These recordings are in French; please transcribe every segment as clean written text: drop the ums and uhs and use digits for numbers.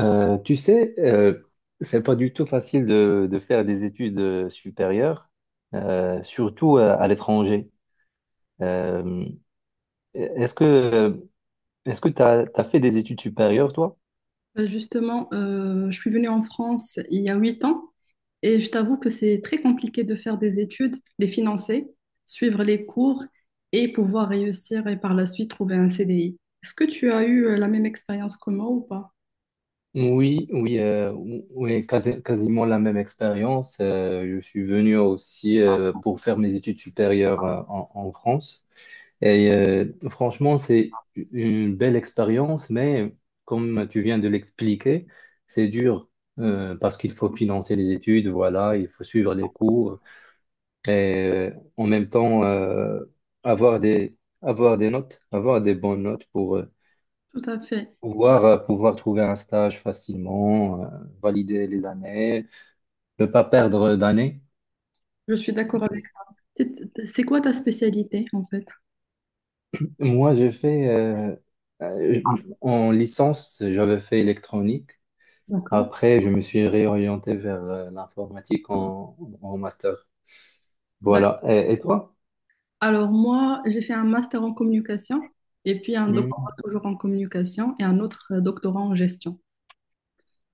Tu sais, c'est pas du tout facile de faire des études supérieures, surtout à l'étranger. Euh, est-ce que est-ce que t'as fait des études supérieures, toi? Bah, justement, je suis venue en France il y a 8 ans et je t'avoue que c'est très compliqué de faire des études, les financer, suivre les cours et pouvoir réussir et par la suite trouver un CDI. Est-ce que tu as eu la même expérience que moi ou pas? Oui, oui, oui, quasiment la même expérience. Je suis venu aussi pour faire mes études supérieures en France. Et franchement, c'est une belle expérience, mais comme tu viens de l'expliquer, c'est dur parce qu'il faut financer les études, voilà, il faut suivre les cours et euh, en même temps avoir des, avoir des notes, avoir des bonnes notes pour Tout à fait. Pouvoir trouver un stage facilement, valider les années, ne pas perdre d'années. Je suis d'accord avec toi. C'est quoi ta spécialité en fait? Moi, j'ai fait euh, en licence, j'avais fait électronique. D'accord. Après, je me suis réorienté vers l'informatique en master. D'accord. Voilà. Et toi? Alors moi, j'ai fait un master en communication et puis un doctorat Hmm. toujours en communication et un autre doctorat en gestion.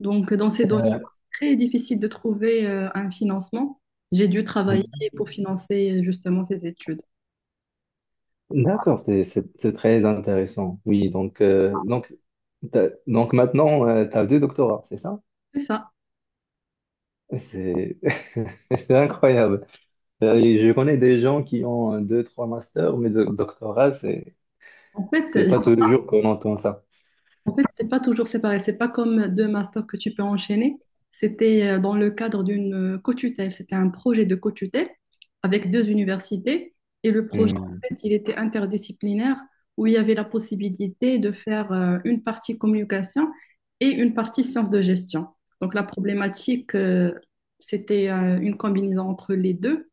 Donc, dans ces domaines, Euh, c'est très difficile de trouver un financement. J'ai dû travailler pour financer justement ces études. d'accord, c'est très intéressant. Oui, donc, donc maintenant, tu as deux doctorats, c'est ça? C'est ça. C'est c'est incroyable. Et je connais des gens qui ont deux, trois masters, mais de doctorat, En fait, c'est pas tous les jours qu'on entend ça. En fait, c'est pas toujours séparé. C'est pas comme deux masters que tu peux enchaîner. C'était dans le cadre d'une co-tutelle. C'était un projet de co-tutelle avec deux universités. Et le projet, Hmm. en fait, il était interdisciplinaire où il y avait la possibilité de faire une partie communication et une partie sciences de gestion. Donc, la problématique, c'était une combinaison entre les deux.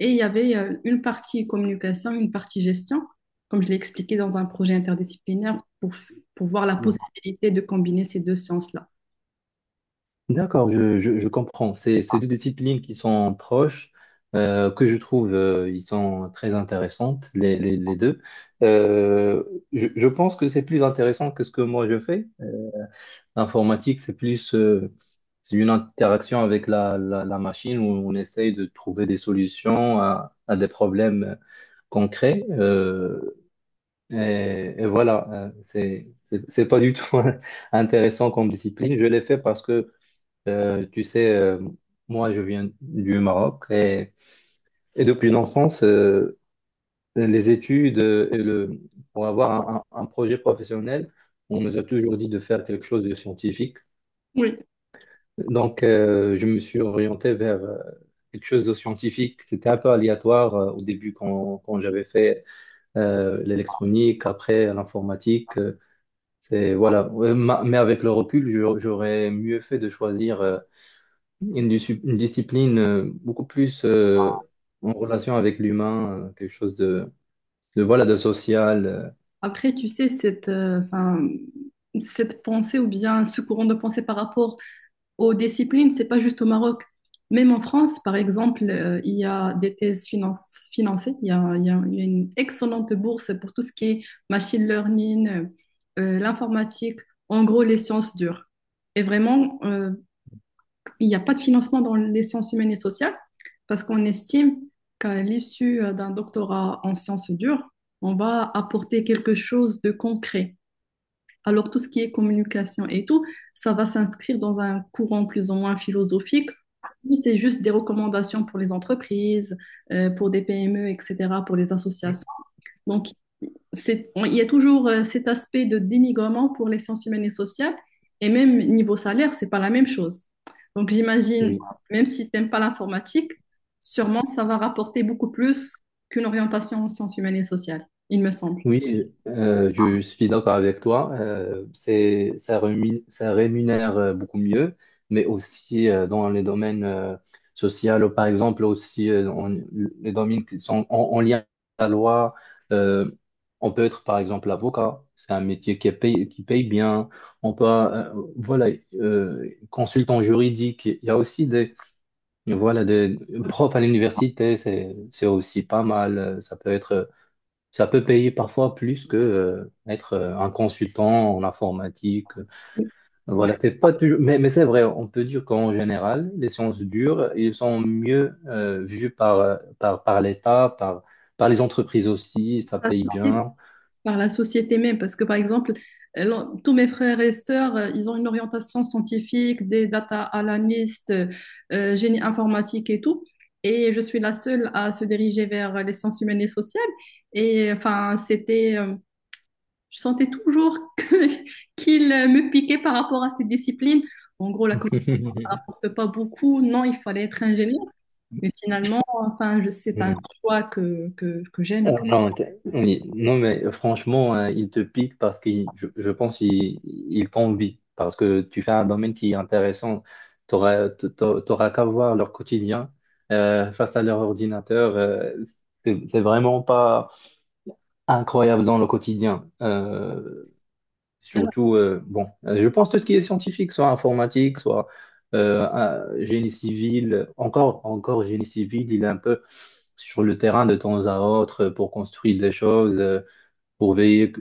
Et il y avait une partie communication, une partie gestion, comme je l'ai expliqué dans un projet interdisciplinaire pour voir la possibilité de combiner ces deux sciences-là. D'accord, je comprends. C'est deux disciplines qui sont proches, que je trouve ils sont très intéressantes, les deux. Euh, je pense que c'est plus intéressant que ce que moi je fais. L'informatique, c'est plus c'est une interaction avec la machine où on essaye de trouver des solutions à des problèmes concrets. Et voilà, c'est pas du tout intéressant comme discipline. Je l'ai fait parce que tu sais, moi, je viens du Maroc et depuis l'enfance, les études pour avoir un projet professionnel, on nous a toujours dit de faire quelque chose de scientifique. Oui. Donc, je me suis orienté vers quelque chose de scientifique. C'était un peu aléatoire au début quand j'avais fait l'électronique, après l'informatique. C'est, voilà. Ouais, mais avec le recul, j'aurais mieux fait de choisir. Une discipline beaucoup plus en relation avec l'humain, quelque chose voilà, de social. Après, tu sais, enfin, cette pensée ou bien ce courant de pensée par rapport aux disciplines, c'est pas juste au Maroc. Même en France, par exemple, il y a des thèses financées. Il y a, il y a- il y a une excellente bourse pour tout ce qui est machine learning, l'informatique, en gros les sciences dures. Et vraiment, il n'y a pas de financement dans les sciences humaines et sociales parce qu'on estime qu'à l'issue d'un doctorat en sciences dures, on va apporter quelque chose de concret. Alors tout ce qui est communication et tout, ça va s'inscrire dans un courant plus ou moins philosophique. C'est juste des recommandations pour les entreprises, pour des PME, etc., pour les associations. Donc il y a toujours cet aspect de dénigrement pour les sciences humaines et sociales, et même niveau salaire, c'est pas la même chose. Donc j'imagine, Oui. même si t'aimes pas l'informatique, sûrement ça va rapporter beaucoup plus qu'une orientation en sciences humaines et sociales, il me semble. Oui, je suis d'accord avec toi. Ça rémunère beaucoup mieux, mais aussi dans les domaines sociaux, par exemple, aussi les domaines qui sont en lien à la loi. euh, on peut être, par exemple, avocat. C'est un métier qui paye bien. On peut, voilà, consultant juridique. Il y a aussi des, voilà, des profs à l'université. C'est aussi pas mal. Ça peut être. Ça peut payer parfois plus que être un consultant en informatique. Ouais. Voilà, c'est pas toujours, mais c'est vrai, on peut dire qu'en général, les sciences dures, ils sont mieux vus par, par, par l'État, par, par les entreprises aussi, ça Pas de paye souci. bien. Par la société même. Parce que, par exemple, tous mes frères et sœurs, ils ont une orientation scientifique, des data analystes, génie informatique et tout. Et je suis la seule à se diriger vers les sciences humaines et sociales. Et enfin, je sentais toujours qu'ils me piquaient par rapport à ces disciplines. En gros, la communauté ne rapporte pas beaucoup. Non, il fallait être ingénieur. Mais finalement, enfin, c'est un choix que Ah j'aime. non, oui. Non, mais franchement, il te pique parce que je pense qu'il il t'envie, parce que tu fais un domaine qui est intéressant. Tu n'auras qu'à voir leur quotidien face à leur ordinateur. C'est vraiment pas incroyable dans le quotidien. Surtout, je pense tout ce qui est scientifique, soit informatique, soit génie civil, encore génie civil, il est un peu sur le terrain de temps à autre pour construire des choses, pour veiller,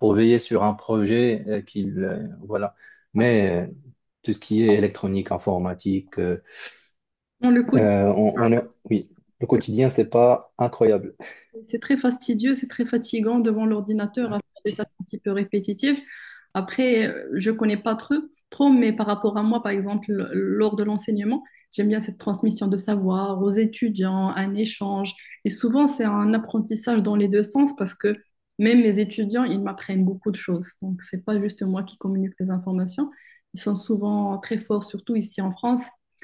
pour veiller sur un projet voilà. Ouais. Mais tout ce qui est électronique, informatique, Dans le quotidien. On est, oui, le quotidien, c'est pas incroyable. C'est très fastidieux, c'est très fatigant devant l'ordinateur à faire des tâches un petit peu répétitives. Après, je connais pas trop, mais par rapport à moi, par exemple, lors de l'enseignement, j'aime bien cette transmission de savoir aux étudiants, un échange. Et souvent, c'est un apprentissage dans les deux sens parce que même mes étudiants, ils m'apprennent beaucoup de choses. Donc, c'est pas juste moi qui communique les informations. Ils sont souvent très forts, surtout ici en France,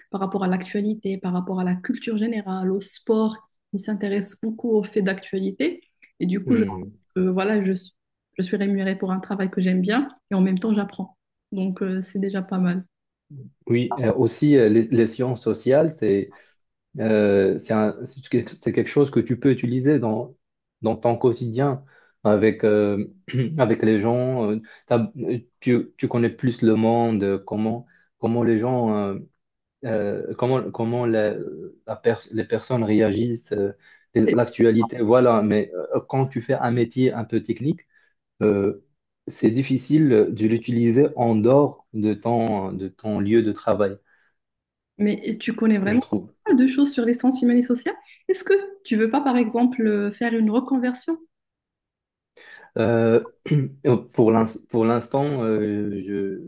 par rapport à l'actualité, par rapport à la culture générale, au sport qui s'intéresse beaucoup aux faits d'actualité. Et du coup, Hmm. Voilà, je suis rémunérée pour un travail que j'aime bien et en même temps, j'apprends. Donc, c'est déjà pas mal. Oui, aussi, les sciences sociales, c'est quelque chose que tu peux utiliser dans ton quotidien avec, avec les gens. Tu connais plus le monde, comment les gens, comment les personnes réagissent, Et- l'actualité, voilà. Mais quand tu fais un métier un peu technique, euh, c'est difficile de l'utiliser en dehors de ton lieu de travail, mais tu connais je vraiment trouve. pas mal de choses sur les sciences humaines et sociales. Est-ce que tu veux pas, par exemple, faire une reconversion? Euh, pour l'instant,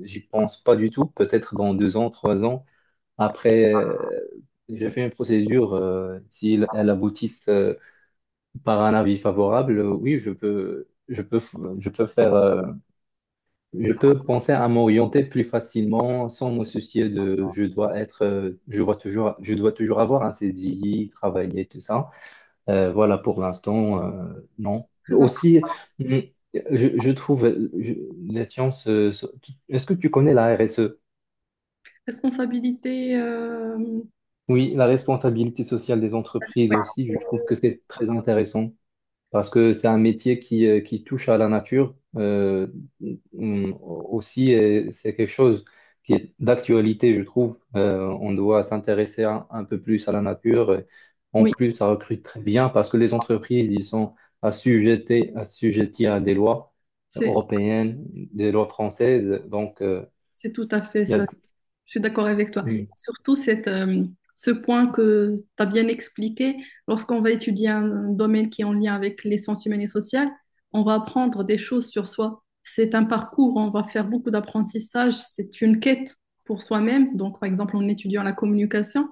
je j'y pense pas du tout. Peut-être dans deux ans, trois ans. Après, je fais une procédure. Si elle aboutit par un avis favorable, oui, je peux faire, je peux penser à m'orienter plus facilement sans me soucier de je dois être, je dois toujours avoir un CDI, travailler, tout ça. Voilà, pour l'instant, non. Très imp- Aussi, mm, je trouve les sciences. Est-ce que tu connais la RSE? Responsabilité, Oui, la responsabilité sociale des entreprises aussi, je trouve que c'est très intéressant. Parce que c'est un métier qui touche à la nature. Mm, aussi, c'est quelque chose qui est d'actualité, je trouve. On doit s'intéresser un peu plus à la nature. Et en oui, plus, ça recrute très bien parce que les entreprises, ils sont assujettis à des lois c'est européennes, des lois françaises. Donc, c'est tout à fait il y ça. a- Je suis d'accord avec toi. mm. Surtout ce point que tu as bien expliqué, lorsqu'on va étudier un domaine qui est en lien avec les sciences humaines et sociales, on va apprendre des choses sur soi. C'est un parcours, on va faire beaucoup d'apprentissage, c'est une quête pour soi-même. Donc, par exemple, en étudiant la communication,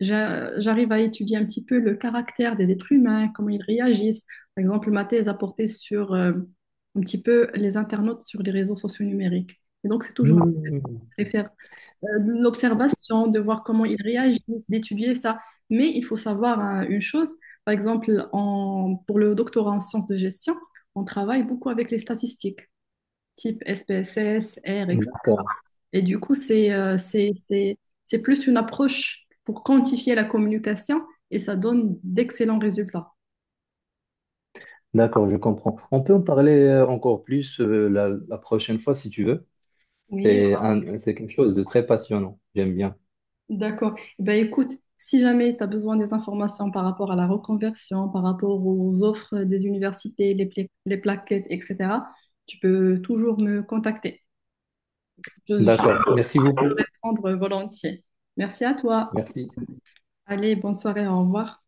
j'arrive à étudier un petit peu le caractère des êtres humains, comment ils réagissent. Par exemple, ma thèse a porté sur un petit peu les internautes sur les réseaux sociaux numériques. Et donc, c'est toujours un test. Mm. Je préfère de l'observation, de voir comment ils réagissent, d'étudier ça. Mais il faut savoir hein, une chose, par exemple, pour le doctorat en sciences de gestion, on travaille beaucoup avec les statistiques, type SPSS, R, D'accord, etc. Et du coup, c'est plus une approche pour quantifier la communication et ça donne d'excellents résultats. d'accord, je comprends. On peut en parler encore plus la prochaine fois si tu veux. Oui, C'est quelque chose de très passionnant. J'aime bien. d'accord. Eh ben écoute, si jamais tu as besoin des informations par rapport à la reconversion, par rapport aux offres des universités, les plaquettes, etc., tu peux toujours me contacter. Je D'accord. peux Merci te beaucoup. répondre volontiers. Merci à toi. Merci. Allez, bonne soirée, au revoir.